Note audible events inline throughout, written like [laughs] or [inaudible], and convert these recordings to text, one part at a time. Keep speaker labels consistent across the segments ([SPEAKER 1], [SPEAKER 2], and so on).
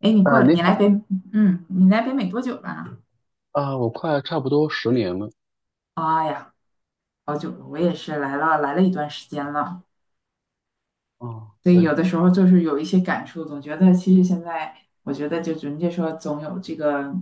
[SPEAKER 1] 哎，你过
[SPEAKER 2] 啊，
[SPEAKER 1] 来，
[SPEAKER 2] 你
[SPEAKER 1] 你
[SPEAKER 2] 好。
[SPEAKER 1] 来北，你来北美多久了？
[SPEAKER 2] 啊，我快差不多10年了。
[SPEAKER 1] 哎呀，好久了，我也是来了一段时间了。
[SPEAKER 2] 啊，
[SPEAKER 1] 所以
[SPEAKER 2] 对，
[SPEAKER 1] 有的时候就是有一些感触，总觉得其实现在，我觉得就人家说总有这个，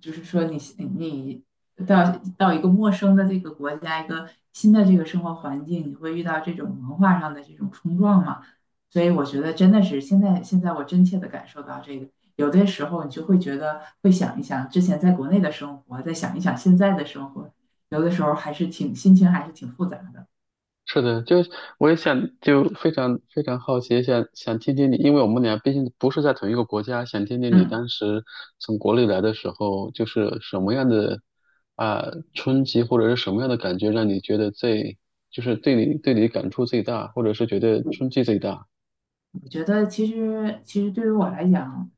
[SPEAKER 1] 就是说你到到一个陌生的这个国家，一个新的这个生活环境，你会遇到这种文化上的这种冲撞嘛？所以我觉得真的是现在我真切的感受到这个，有的时候你就会觉得会想一想之前在国内的生活，再想一想现在的生活，有的时候还是挺心情还是挺复杂的。
[SPEAKER 2] 是的。就我也想就非常非常好奇，想想听听你，因为我们俩毕竟不是在同一个国家，想听听你
[SPEAKER 1] 嗯。
[SPEAKER 2] 当时从国内来的时候，就是什么样的啊冲击，或者是什么样的感觉，让你觉得最就是对你感触最大，或者是觉得冲击最大？
[SPEAKER 1] 我觉得其实对于我来讲，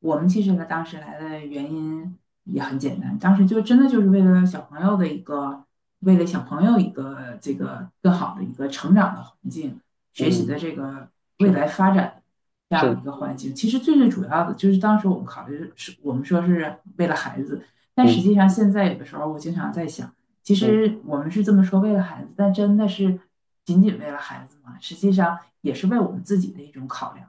[SPEAKER 1] 我们其实呢当时来的原因也很简单，当时就真的就是为了小朋友一个这个更好的一个成长的环境，学习
[SPEAKER 2] 嗯，
[SPEAKER 1] 的这个未
[SPEAKER 2] 是
[SPEAKER 1] 来发展这样
[SPEAKER 2] 是，
[SPEAKER 1] 的一个环境。其实最最主要的就是当时我们考虑是我们说是为了孩子，但实
[SPEAKER 2] 嗯
[SPEAKER 1] 际上现在有的时候我经常在想。其
[SPEAKER 2] 嗯，
[SPEAKER 1] 实我们是这么说，为了孩子，但真的是仅仅为了孩子吗？实际上也是为我们自己的一种考量，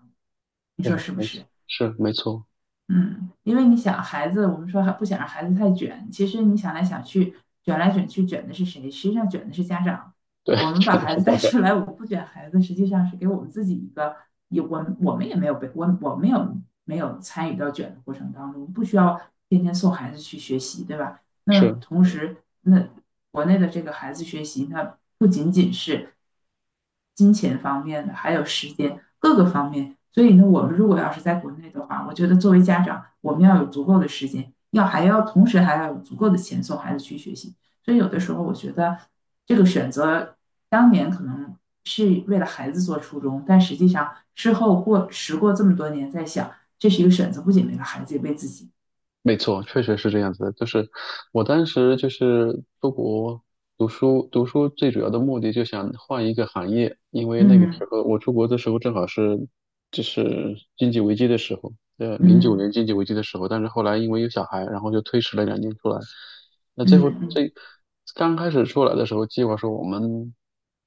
[SPEAKER 1] 你说
[SPEAKER 2] 对，
[SPEAKER 1] 是不
[SPEAKER 2] 没
[SPEAKER 1] 是？
[SPEAKER 2] 错，是没错，
[SPEAKER 1] 嗯，因为你想，孩子，我们说还不想让孩子太卷，其实你想来想去，卷来卷去，卷的是谁？实际上卷的是家长。
[SPEAKER 2] 对，
[SPEAKER 1] 我
[SPEAKER 2] [laughs]
[SPEAKER 1] 们把
[SPEAKER 2] 说的
[SPEAKER 1] 孩
[SPEAKER 2] 是
[SPEAKER 1] 子
[SPEAKER 2] 这
[SPEAKER 1] 带
[SPEAKER 2] 样
[SPEAKER 1] 出
[SPEAKER 2] 的
[SPEAKER 1] 来，我们不卷孩子，实际上是给我们自己一个，也我们我们也没有被我我们有没有参与到卷的过程当中，不需要天天送孩子去学习，对吧？那
[SPEAKER 2] 是。
[SPEAKER 1] 同时，那国内的这个孩子学习，那不仅仅是金钱方面的，还有时间各个方面。所以呢，我们如果要是在国内的话，我觉得作为家长，我们要有足够的时间，要还要同时还要有足够的钱送孩子去学习。所以有的时候，我觉得这个选择当年可能是为了孩子做初衷，但实际上事后过这么多年，在想这是一个选择，不仅为了孩子，也为自己。
[SPEAKER 2] 没错，确实是这样子的。就是我当时就是出国读书，读书最主要的目的就想换一个行业，因为那个时
[SPEAKER 1] 嗯
[SPEAKER 2] 候我出国的时候正好是就是经济危机的时候，零九
[SPEAKER 1] 嗯
[SPEAKER 2] 年经济危机的时候。但是后来因为有小孩，然后就推迟了2年出来。那最后
[SPEAKER 1] 嗯嗯。
[SPEAKER 2] 最刚开始出来的时候，计划说我们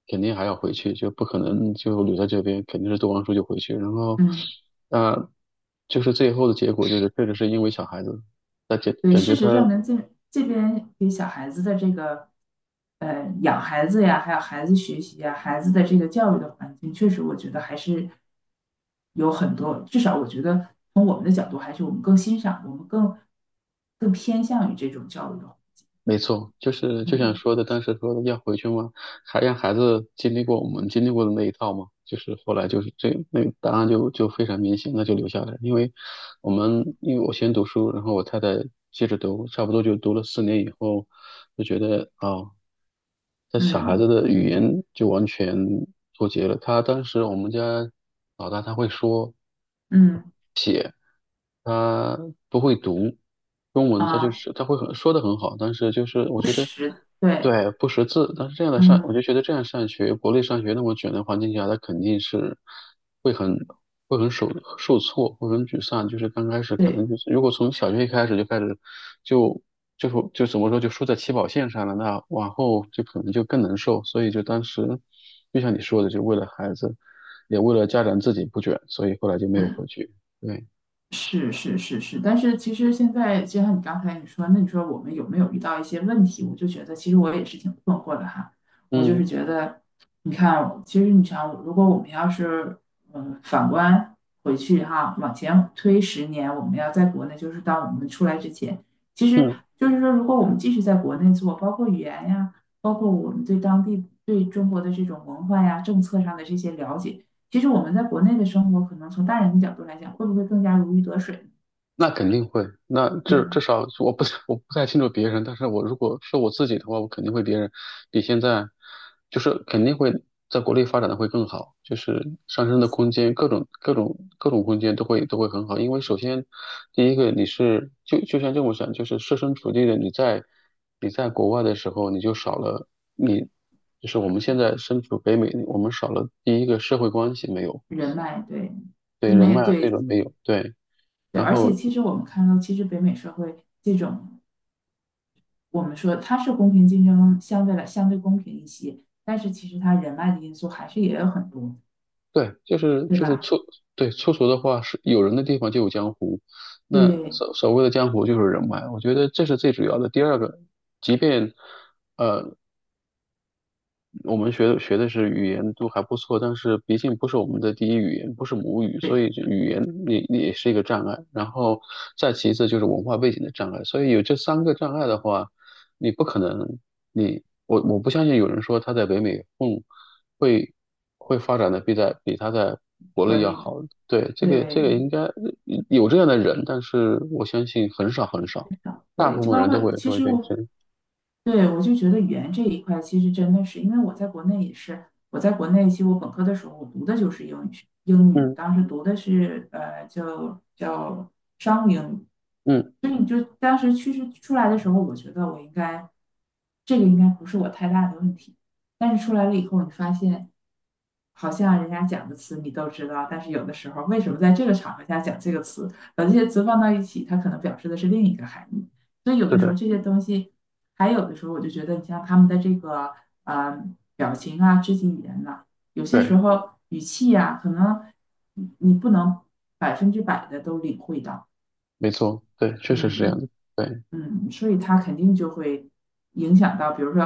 [SPEAKER 2] 肯定还要回去，就不可能就留在这边，肯定是读完书就回去。然后，
[SPEAKER 1] 嗯，
[SPEAKER 2] 呃，就是最后的结果就是确实是因为小孩子。那感
[SPEAKER 1] 对，
[SPEAKER 2] 感
[SPEAKER 1] 事
[SPEAKER 2] 觉他
[SPEAKER 1] 实证明这边给小孩子的这个，养孩子呀，还有孩子学习呀，孩子的这个教育的环境，确实我觉得还是有很多，至少我觉得从我们的角度，还是我们更欣赏，我们更偏向于这种教育的，
[SPEAKER 2] 没错，就是就像
[SPEAKER 1] 嗯
[SPEAKER 2] 说的，当时说的要回去嘛，还让孩子经历过我们经历过的那一套嘛，就是后来就是那个答案就非常明显，那就留下来，因为我们因为我先读书，然后我太太接着读，差不多就读了4年以后，就觉得啊，他小孩子
[SPEAKER 1] 嗯
[SPEAKER 2] 的语言就完全脱节了。他当时我们家老大他会说，
[SPEAKER 1] 嗯
[SPEAKER 2] 他不会读中文，他就
[SPEAKER 1] 啊，
[SPEAKER 2] 是他会很说的很好，但是就是我
[SPEAKER 1] 不
[SPEAKER 2] 觉得
[SPEAKER 1] 实，对，
[SPEAKER 2] 对不识字，但是这样的上，我
[SPEAKER 1] 嗯
[SPEAKER 2] 就觉得这样上学，国内上学那么卷的环境下，他肯定是会很会很受挫，会很沮丧，就是刚开始可
[SPEAKER 1] 对，
[SPEAKER 2] 能就是如果从小学一开始就开始就。就是怎么说，就输在起跑线上了，那往后就可能就更难受。所以就当时，就像你说的，就为了孩子，也为了家长自己不卷，所以后来就没有回
[SPEAKER 1] 嗯。
[SPEAKER 2] 去。对。
[SPEAKER 1] 是是是是，但是其实现在就像你刚才你说，那你说我们有没有遇到一些问题？我就觉得其实我也是挺困惑的哈。我就
[SPEAKER 2] 嗯。
[SPEAKER 1] 是觉得，你看，其实你想，如果我们要是反观回去哈，往前推10年，我们要在国内，就是当我们出来之前，其实
[SPEAKER 2] 嗯，
[SPEAKER 1] 就是说，如果我们继续在国内做，包括语言呀，包括我们对当地对中国的这种文化呀、政策上的这些了解。其实我们在国内的生活，可能从大人的角度来讲，会不会更加如鱼得水？
[SPEAKER 2] 那肯定会。那
[SPEAKER 1] 对吧？
[SPEAKER 2] 至少我不太清楚别人，但是我如果是我自己的话，我肯定会别人比现在就是肯定会在国内发展的会更好，就是上升的空间，各种空间都会很好。因为首先第一个你是就像这么想，就是设身处地的你在国外的时候，你就少了你就是我们现在身处北美，我们少了第一个社会关系没有，
[SPEAKER 1] 人脉，对，就
[SPEAKER 2] 对人
[SPEAKER 1] 没有
[SPEAKER 2] 脉啊这
[SPEAKER 1] 对
[SPEAKER 2] 种没有，对。
[SPEAKER 1] 对，
[SPEAKER 2] 然
[SPEAKER 1] 而且
[SPEAKER 2] 后
[SPEAKER 1] 其实我们看到，其实北美社会这种，我们说它是公平竞争，相对公平一些，但是其实它人脉的因素还是也有很多，
[SPEAKER 2] 对，就是
[SPEAKER 1] 对
[SPEAKER 2] 就是
[SPEAKER 1] 吧？
[SPEAKER 2] 粗，对粗俗的话是有人的地方就有江湖，那
[SPEAKER 1] 对
[SPEAKER 2] 所谓的江湖就是人脉，我觉得这是最主要的。第二个，即便呃我们学的是语言都还不错，但是毕竟不是我们的第一语言，不是母语，所
[SPEAKER 1] 对，
[SPEAKER 2] 以这语言也是一个障碍。然后再其次就是文化背景的障碍，所以有这三个障碍的话，你不可能，我不相信有人说他在北美混会会发展的比他在国
[SPEAKER 1] 国
[SPEAKER 2] 内要
[SPEAKER 1] 内
[SPEAKER 2] 好。对，这个
[SPEAKER 1] 对
[SPEAKER 2] 应该有这样的人，但是我相信很少很少，大
[SPEAKER 1] 对，
[SPEAKER 2] 部
[SPEAKER 1] 就
[SPEAKER 2] 分
[SPEAKER 1] 包
[SPEAKER 2] 人都会
[SPEAKER 1] 括其
[SPEAKER 2] 都会
[SPEAKER 1] 实
[SPEAKER 2] 对这，
[SPEAKER 1] 我对，我就觉得语言这一块其实真的是，因为我在国内也是，我在国内其实我本科的时候我读的就是英语英语
[SPEAKER 2] 嗯
[SPEAKER 1] 当时读的是叫商务英语，
[SPEAKER 2] 嗯，
[SPEAKER 1] 所以你就当时趋势出来的时候，我觉得我应该这个应该不是我太大的问题，但是出来了以后，你发现好像人家讲的词你都知道，但是有的时候为什么在这个场合下讲这个词，把这些词放到一起，它可能表示的是另一个含义。所以有
[SPEAKER 2] 是
[SPEAKER 1] 的时候
[SPEAKER 2] 的。
[SPEAKER 1] 这些东西，还有的时候，我就觉得，你像他们的这个呃表情啊、肢体语言呐、有些
[SPEAKER 2] 对。
[SPEAKER 1] 时候语气呀、可能你不能百分之百的都领会到，
[SPEAKER 2] 没错，对，确实是这样
[SPEAKER 1] 嗯
[SPEAKER 2] 的，对，
[SPEAKER 1] 嗯，所以他肯定就会影响到，比如说，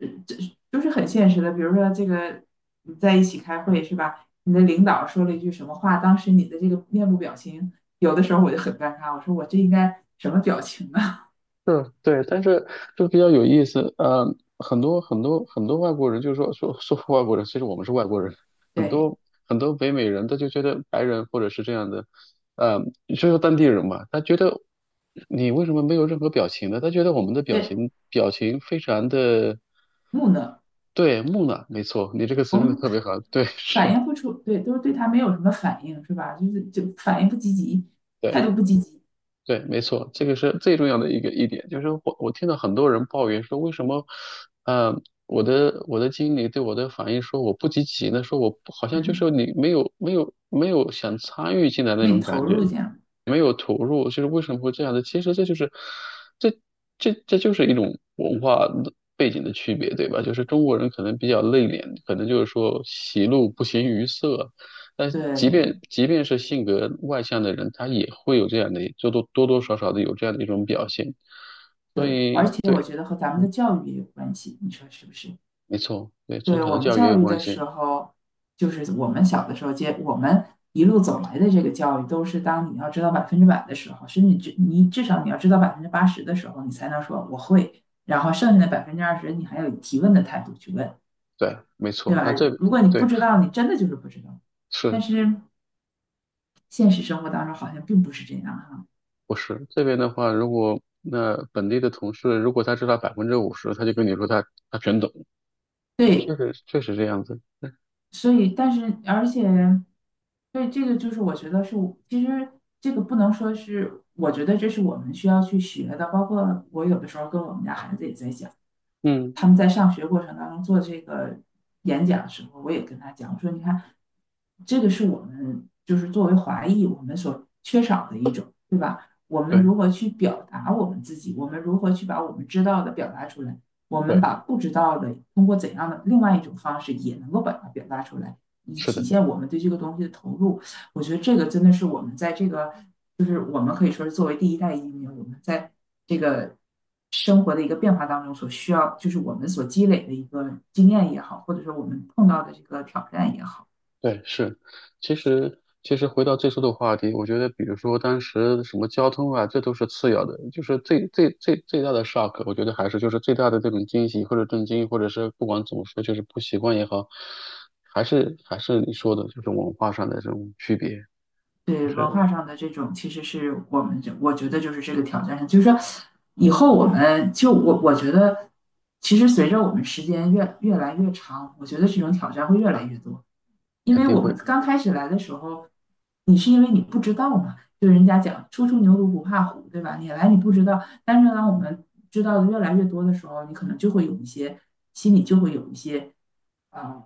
[SPEAKER 1] 这就是很现实的，比如说这个你在一起开会是吧？你的领导说了一句什么话，当时你的这个面部表情，有的时候我就很尴尬，我说我这应该什么表情啊？
[SPEAKER 2] 是，对，但是就比较有意思，很多外国人就是说外国人，其实我们是外国人，
[SPEAKER 1] [laughs]
[SPEAKER 2] 很
[SPEAKER 1] 对
[SPEAKER 2] 多很多北美人他就觉得白人或者是这样的，呃，就是当地人嘛，他觉得你为什么没有任何表情呢？他觉得我们的表
[SPEAKER 1] 对，
[SPEAKER 2] 情表情非常的
[SPEAKER 1] 木讷。
[SPEAKER 2] 对木讷，没错，你这个词用的特别好，对，
[SPEAKER 1] 反
[SPEAKER 2] 是，
[SPEAKER 1] 应不出，对，都是对他没有什么反应，是吧？就是反应不积极，态
[SPEAKER 2] 对。
[SPEAKER 1] 度不积极，
[SPEAKER 2] 对，没错，这个是最重要的一点，就是我听到很多人抱怨说，为什么，呃，我的经理对我的反应说我不积极呢？说我不好像就
[SPEAKER 1] 嗯，
[SPEAKER 2] 是你没有想参与进来那
[SPEAKER 1] 没
[SPEAKER 2] 种感
[SPEAKER 1] 投入
[SPEAKER 2] 觉，
[SPEAKER 1] 进样，
[SPEAKER 2] 没有投入，就是为什么会这样的？其实这就是，这这就是一种文化的背景的区别，对吧？就是中国人可能比较内敛，可能就是说喜怒不形于色，但即
[SPEAKER 1] 对
[SPEAKER 2] 便即便是性格外向的人，他也会有这样的，就多多少少的有这样的一种表现。所
[SPEAKER 1] 对，而
[SPEAKER 2] 以，
[SPEAKER 1] 且我
[SPEAKER 2] 对，
[SPEAKER 1] 觉得和咱们的教育也有关系，你说是不是？
[SPEAKER 2] 没错，对，从
[SPEAKER 1] 对
[SPEAKER 2] 小
[SPEAKER 1] 我
[SPEAKER 2] 的
[SPEAKER 1] 们
[SPEAKER 2] 教育也
[SPEAKER 1] 教
[SPEAKER 2] 有
[SPEAKER 1] 育
[SPEAKER 2] 关
[SPEAKER 1] 的
[SPEAKER 2] 系。
[SPEAKER 1] 时候，就是我们小的时候接我们一路走来的这个教育，都是当你要知道百分之百的时候，甚至至你至少你要知道80%的时候，你才能说我会，然后剩下的20%，你还有提问的态度去问，
[SPEAKER 2] 对，没
[SPEAKER 1] 对
[SPEAKER 2] 错。
[SPEAKER 1] 吧？
[SPEAKER 2] 那这，
[SPEAKER 1] 如果你不
[SPEAKER 2] 对，
[SPEAKER 1] 知道，你真的就是不知道。但
[SPEAKER 2] 是
[SPEAKER 1] 是现实生活当中好像并不是这样哈。
[SPEAKER 2] 不是这边的话，如果那本地的同事，如果他知道50%，他就跟你说他全懂。对，
[SPEAKER 1] 对，
[SPEAKER 2] 确实确实这样子。
[SPEAKER 1] 所以但是而且，对这个就是我觉得是其实这个不能说是，我觉得这是我们需要去学的。包括我有的时候跟我们家孩子也在讲，
[SPEAKER 2] 嗯，
[SPEAKER 1] 他们在上学过程当中做这个演讲的时候，我也跟他讲，我说你看，这个是我们就是作为华裔我们所缺少的一种，对吧？我们
[SPEAKER 2] 对
[SPEAKER 1] 如何去表达我们自己？我们如何去把我们知道的表达出来？我们
[SPEAKER 2] 对，
[SPEAKER 1] 把不知道的通过怎样的另外一种方式也能够把它表达出来，以
[SPEAKER 2] 是
[SPEAKER 1] 体
[SPEAKER 2] 的。
[SPEAKER 1] 现我们对这个东西的投入。我觉得这个真的是我们在这个就是我们可以说是作为第一代移民，我们在这个生活的一个变化当中所需要，就是我们所积累的一个经验也好，或者说我们碰到的这个挑战也好，
[SPEAKER 2] 对，是，其实回到最初的话题，我觉得，比如说当时什么交通啊，这都是次要的，就是最大的 shock，我觉得还是就是最大的这种惊喜或者震惊，或者是不管怎么说，就是不习惯也好，还是你说的，就是文化上的这种区别，就
[SPEAKER 1] 对文
[SPEAKER 2] 是
[SPEAKER 1] 化上的这种，其实是我们这我觉得就是这个挑战上，就是说以后我们就我觉得，其实随着我们时间越来越长，我觉得这种挑战会越来越多。因
[SPEAKER 2] 肯
[SPEAKER 1] 为
[SPEAKER 2] 定
[SPEAKER 1] 我
[SPEAKER 2] 会。
[SPEAKER 1] 们刚开始来的时候，你是因为你不知道嘛，就人家讲初出牛犊不怕虎，对吧？你不知道，但是呢，我们知道的越来越多的时候，你可能就会有一些心里就会有一些啊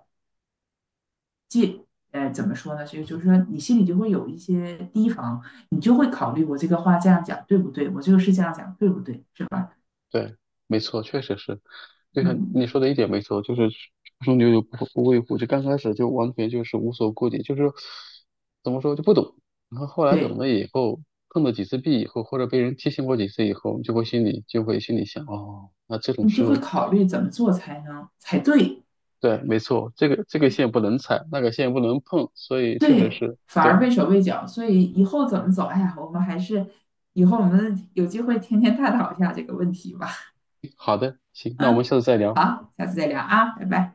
[SPEAKER 1] 戒，呃，怎么说呢？所以就是说，你心里就会有一些提防，你就会考虑我这个话这样讲对不对，我这个事这样讲对不对，是吧？
[SPEAKER 2] 对，没错，确实是，就像你
[SPEAKER 1] 嗯，
[SPEAKER 2] 说的一点没错，就是初生牛犊不畏虎，就刚开始就完全就是无所顾忌，就是怎么说就不懂，然后后来
[SPEAKER 1] 对，
[SPEAKER 2] 懂了以后，碰了几次壁以后，或者被人提醒过几次以后，就会心里想，哦，那这种
[SPEAKER 1] 你就会
[SPEAKER 2] 事，
[SPEAKER 1] 考虑怎么做才对。
[SPEAKER 2] 对，没错，这个线不能踩，那个线不能碰，所以确实是，
[SPEAKER 1] 反而
[SPEAKER 2] 对，
[SPEAKER 1] 畏手畏脚，所以以后怎么走？哎呀，我们还是以后我们有机会天天探讨一下这个问题吧。
[SPEAKER 2] 好的，行，那我们
[SPEAKER 1] 嗯，
[SPEAKER 2] 下次再聊。
[SPEAKER 1] 好，下次再聊啊，拜拜。